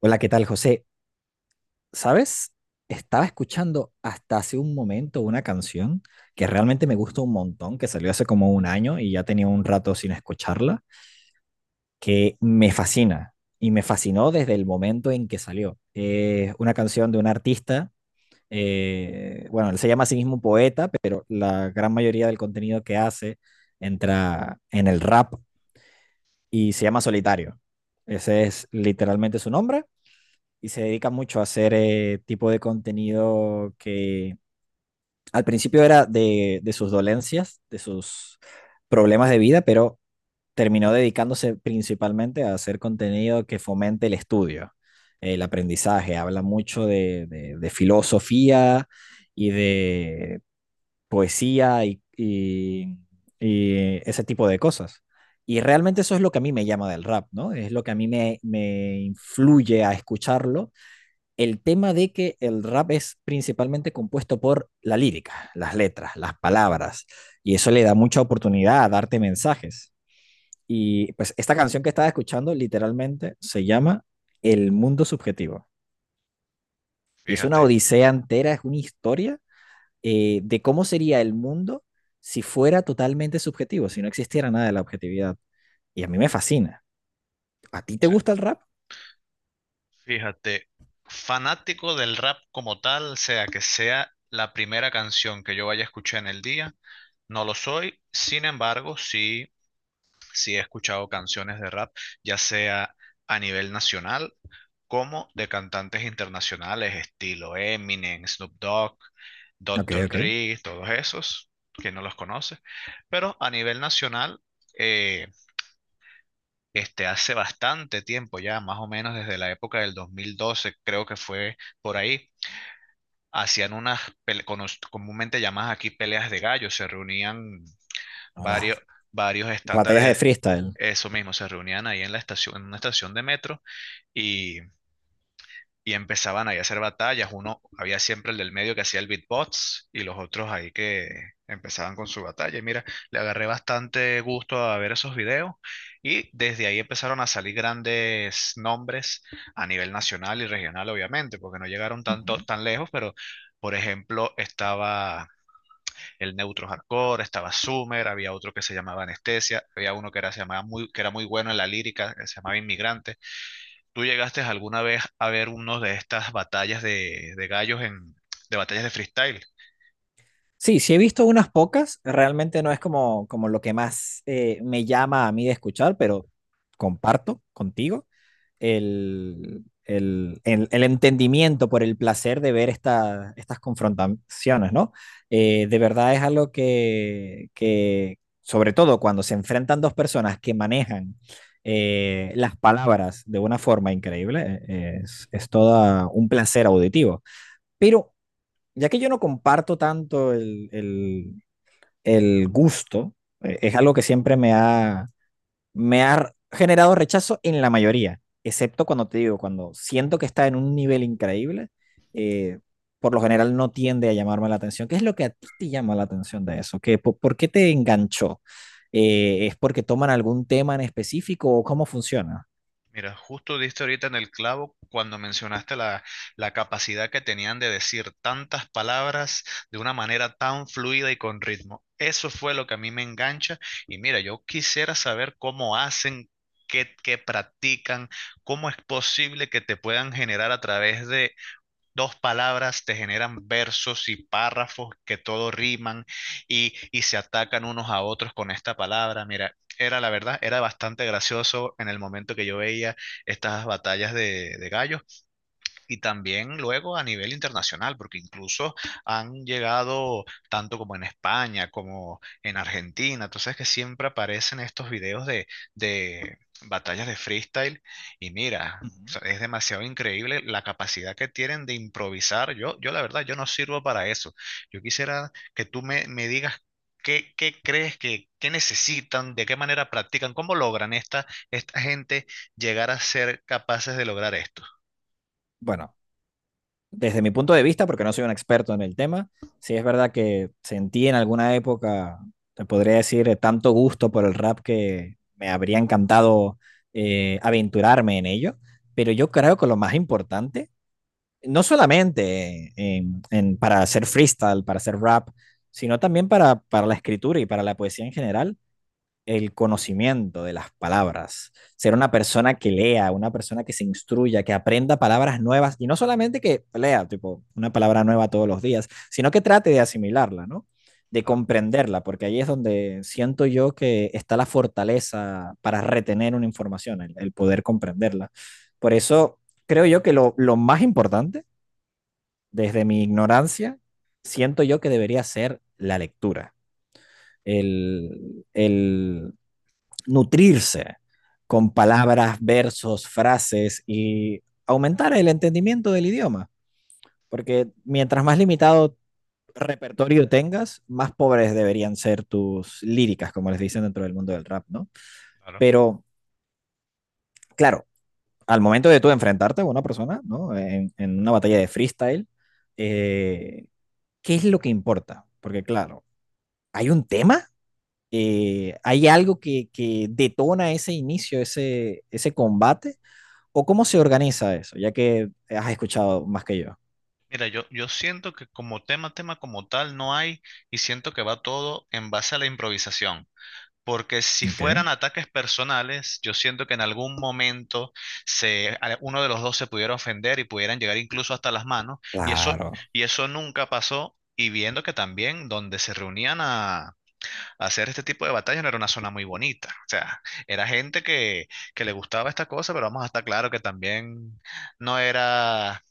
Hola, ¿qué tal, José? ¿Sabes? Estaba escuchando hasta hace un momento una canción que realmente me gusta un montón, que salió hace como un año y ya tenía un rato sin escucharla, que me fascina y me fascinó desde el momento en que salió. Es una canción de un artista, bueno, él se llama a sí mismo un poeta, pero la gran mayoría del contenido que hace entra en el rap y se llama Solitario. Ese es literalmente su nombre. Y se dedica mucho a hacer tipo de contenido que al principio era de sus dolencias, de sus problemas de vida, pero terminó dedicándose principalmente a hacer contenido que fomente el estudio, el aprendizaje. Habla mucho de filosofía y de poesía y ese tipo de cosas. Y realmente eso es lo que a mí me llama del rap, ¿no? Es lo que a mí me influye a escucharlo, el tema de que el rap es principalmente compuesto por la lírica, las letras, las palabras, y eso le da mucha oportunidad a darte mensajes. Y pues esta canción que estaba escuchando literalmente se llama El mundo subjetivo. Y es una Fíjate, odisea entera, es una historia de cómo sería el mundo si fuera totalmente subjetivo, si no existiera nada de la objetividad. Y a mí me fascina. ¿A ti te sí, gusta el rap? fíjate, fanático del rap como tal, sea que sea la primera canción que yo vaya a escuchar en el día, no lo soy, sin embargo, sí, sí he escuchado canciones de rap, ya sea a nivel nacional como de cantantes internacionales, estilo Eminem, Snoop Dogg, Ok, Doctor ok. Dre, todos esos, que no los conoce, pero a nivel nacional, eh, hace bastante tiempo ya, más o menos desde la época del 2012 creo que fue por ahí, hacían unas, comúnmente llamadas aquí peleas de gallos, se reunían O varios, varios las batallas de estándares, freestyle. eso mismo, se reunían ahí en la estación, en una estación de metro y y empezaban ahí a hacer batallas. Uno, había siempre el del medio que hacía el beatbox y los otros ahí que empezaban con su batalla. Y mira, le agarré bastante gusto a ver esos videos y desde ahí empezaron a salir grandes nombres a nivel nacional y regional, obviamente, porque no llegaron Uh tanto, -huh. tan lejos, pero. Por ejemplo, estaba el Neutro Hardcore, estaba Summer, había otro que se llamaba Anestesia, había uno que era, se llamaba muy, que era muy bueno en la lírica, que se llamaba Inmigrante. ¿Tú llegaste alguna vez a ver uno de estas batallas de gallos en, de batallas de freestyle? Sí, sí he visto unas pocas, realmente no es como, como lo que más me llama a mí de escuchar, pero comparto contigo el entendimiento por el placer de ver estas confrontaciones, ¿no? De verdad es algo sobre todo cuando se enfrentan dos personas que manejan las palabras de una forma increíble, es todo un placer auditivo. Pero ya que yo no comparto tanto el gusto, es algo que me ha generado rechazo en la mayoría, excepto cuando te digo, cuando siento que está en un nivel increíble, eh, por lo general no tiende a llamarme la atención. ¿Qué es lo que a ti te llama la atención de eso? ¿Qué, por qué te enganchó? ¿Es porque toman algún tema en específico o cómo funciona? Mira, justo diste ahorita en el clavo cuando mencionaste la capacidad que tenían de decir tantas palabras de una manera tan fluida y con ritmo. Eso fue lo que a mí me engancha. Y mira, yo quisiera saber cómo hacen, qué practican, cómo es posible que te puedan generar a través de dos palabras te generan versos y párrafos que todo riman y se atacan unos a otros con esta palabra. Mira, era la verdad, era bastante gracioso en el momento que yo veía estas batallas de gallos, y también luego a nivel internacional, porque incluso han llegado tanto como en España, como en Argentina. Entonces que siempre aparecen estos videos de batallas de freestyle y mira, o Ujú. sea, es demasiado increíble la capacidad que tienen de improvisar. Yo la verdad, yo no sirvo para eso. Yo quisiera que tú me digas qué crees que qué necesitan, de qué manera practican, cómo logran esta gente llegar a ser capaces de lograr esto. Bueno, desde mi punto de vista, porque no soy un experto en el tema, sí es verdad que sentí en alguna época, te podría decir, tanto gusto por el rap que me habría encantado aventurarme en ello, pero yo creo que lo más importante, no solamente para hacer freestyle, para hacer rap, sino también para la escritura y para la poesía en general, el conocimiento de las palabras, ser una persona que lea, una persona que se instruya, que aprenda palabras nuevas y no solamente que lea tipo una palabra nueva todos los días, sino que trate de asimilarla, ¿no? De Claro. comprenderla, porque ahí es donde siento yo que está la fortaleza para retener una información, el poder comprenderla. Por eso creo yo que lo más importante, desde mi ignorancia, siento yo que debería ser la lectura. El, el, Nutrirse con palabras, versos, frases y aumentar el entendimiento del idioma, porque mientras más limitado repertorio tengas, más pobres deberían ser tus líricas, como les dicen dentro del mundo del rap, ¿no? Claro. Pero, claro, al momento de tú enfrentarte a una persona, ¿no? En una batalla de freestyle, eh, ¿qué es lo que importa? Porque, claro, hay un tema, hay algo detona ese inicio, ese combate, o cómo se organiza eso, ya que has escuchado más que yo. Mira, yo siento que como tema, tema como tal no hay y siento que va todo en base a la improvisación. Porque si fueran Ok. ataques personales, yo siento que en algún momento uno de los dos se pudiera ofender y pudieran llegar incluso hasta las manos. Y eso, Claro. y eso nunca pasó. Y viendo que también donde se reunían a hacer este tipo de batallas no era una zona muy bonita. O sea, era gente que le gustaba esta cosa, pero vamos a estar claro que también no era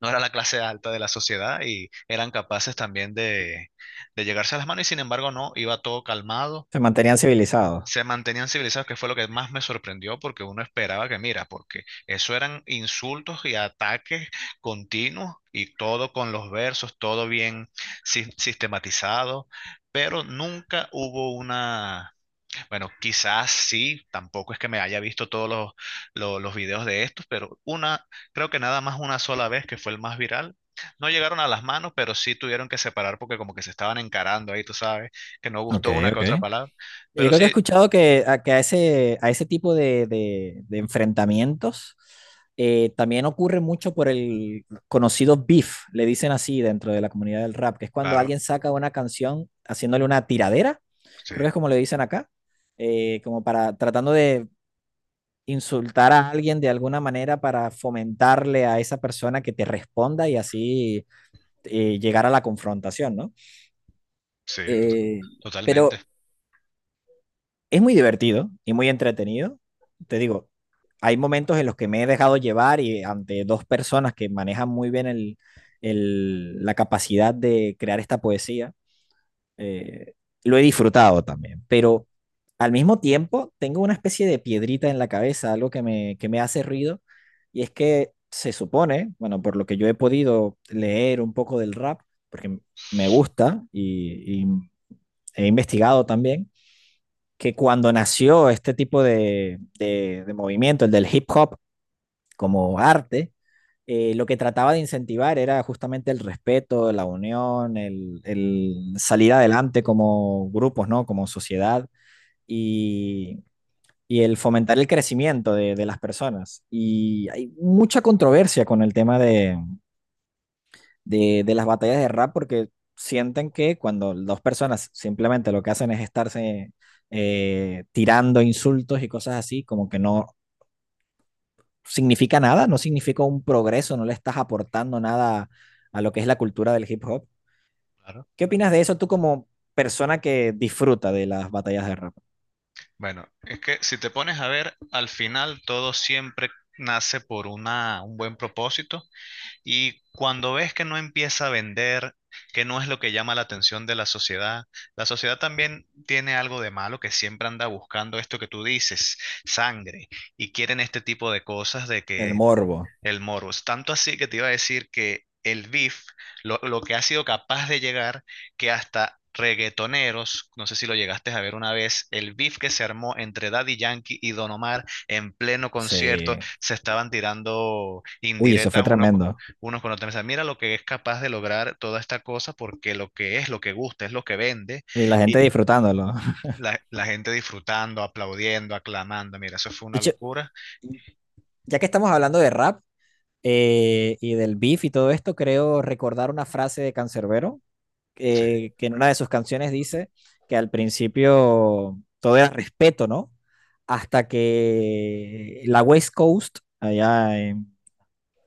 no era la clase alta de la sociedad y eran capaces también de llegarse a las manos y sin embargo no, iba todo calmado, Se mantenían civilizados. se mantenían civilizados, que fue lo que más me sorprendió porque uno esperaba que, mira, porque eso eran insultos y ataques continuos y todo con los versos, todo bien sistematizado, pero nunca hubo una bueno, quizás sí, tampoco es que me haya visto todos los videos de estos, pero una, creo que nada más una sola vez que fue el más viral. No llegaron a las manos, pero sí tuvieron que separar porque como que se estaban encarando ahí, tú sabes, que no Ok, gustó una que ok. otra palabra. Yo Pero creo que he sí, escuchado que que a ese tipo de enfrentamientos también ocurre mucho por el conocido beef, le dicen así dentro de la comunidad del rap, que es cuando claro, alguien saca una canción haciéndole una tiradera, sí, creo que es como le dicen acá, como para tratando de insultar a alguien de alguna manera para fomentarle a esa persona que te responda y así llegar a la confrontación, ¿no? sí, Eh, totalmente. pero es muy divertido y muy entretenido. Te digo, hay momentos en los que me he dejado llevar y ante dos personas que manejan muy bien la capacidad de crear esta poesía, eh, lo he disfrutado también, pero al mismo tiempo tengo una especie de piedrita en la cabeza, algo que me hace ruido, y es que se supone, bueno, por lo que yo he podido leer un poco del rap, porque me gusta y he investigado también, que cuando nació este tipo de movimiento, el del hip hop como arte, lo que trataba de incentivar era justamente el respeto, la unión, el salir adelante como grupos, ¿no? Como sociedad y, y el fomentar el crecimiento de las personas. Y hay mucha controversia con el tema de las batallas de rap porque sienten que cuando dos personas simplemente lo que hacen es estarse tirando insultos y cosas así, como que no, significa nada, no significa un progreso, no le estás aportando nada a lo que es la cultura del hip hop. Claro. ¿Qué opinas de eso tú como persona que disfruta de las batallas de rap? Bueno, es que si te pones a ver, al final todo siempre nace por una, un buen propósito. Y cuando ves que no empieza a vender, que no es lo que llama la atención de la sociedad también tiene algo de malo que siempre anda buscando esto que tú dices, sangre, y quieren este tipo de cosas de El que morbo. el Morus. Tanto así que te iba a decir que el beef, lo que ha sido capaz de llegar, que hasta reggaetoneros, no sé si lo llegaste a ver una vez, el beef que se armó entre Daddy Yankee y Don Omar en pleno concierto, Sí. se estaban tirando Uy, eso fue indirectas tremendo. unos con otros. O sea, mira lo que es capaz de lograr toda esta cosa, porque lo que es, lo que gusta, es lo que vende, Y la gente y disfrutándolo. La gente disfrutando, aplaudiendo, aclamando. Mira, eso fue De una hecho, locura. ya que estamos hablando de rap, y del beef y todo esto, creo recordar una frase de Cancerbero, Sí, que en una de sus canciones dice que al principio todo era respeto, ¿no? Hasta que la West Coast,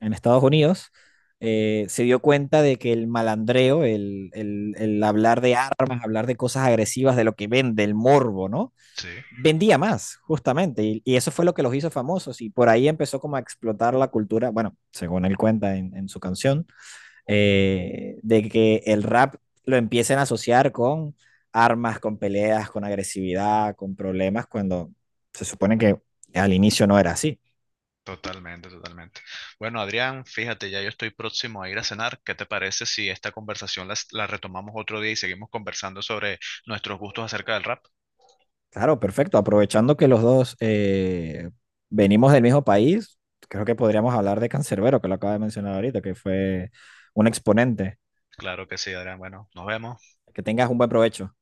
en Estados Unidos, se dio cuenta de que el malandreo, el hablar de armas, hablar de cosas agresivas, de lo que vende, el morbo, ¿no? sí. Vendía más, justamente, y eso fue lo que los hizo famosos, y por ahí empezó como a explotar la cultura, bueno, según él cuenta en su canción, de que el rap lo empiecen a asociar con armas, con peleas, con agresividad, con problemas, cuando se supone que al inicio no era así. Totalmente, totalmente. Bueno, Adrián, fíjate, ya yo estoy próximo a ir a cenar. ¿Qué te parece si esta conversación retomamos otro día y seguimos conversando sobre nuestros gustos acerca del rap? Claro, perfecto. Aprovechando que los dos, venimos del mismo país, creo que podríamos hablar de Cancerbero, que lo acaba de mencionar ahorita, que fue un exponente. Claro que sí, Adrián. Bueno, nos vemos. Que tengas un buen provecho.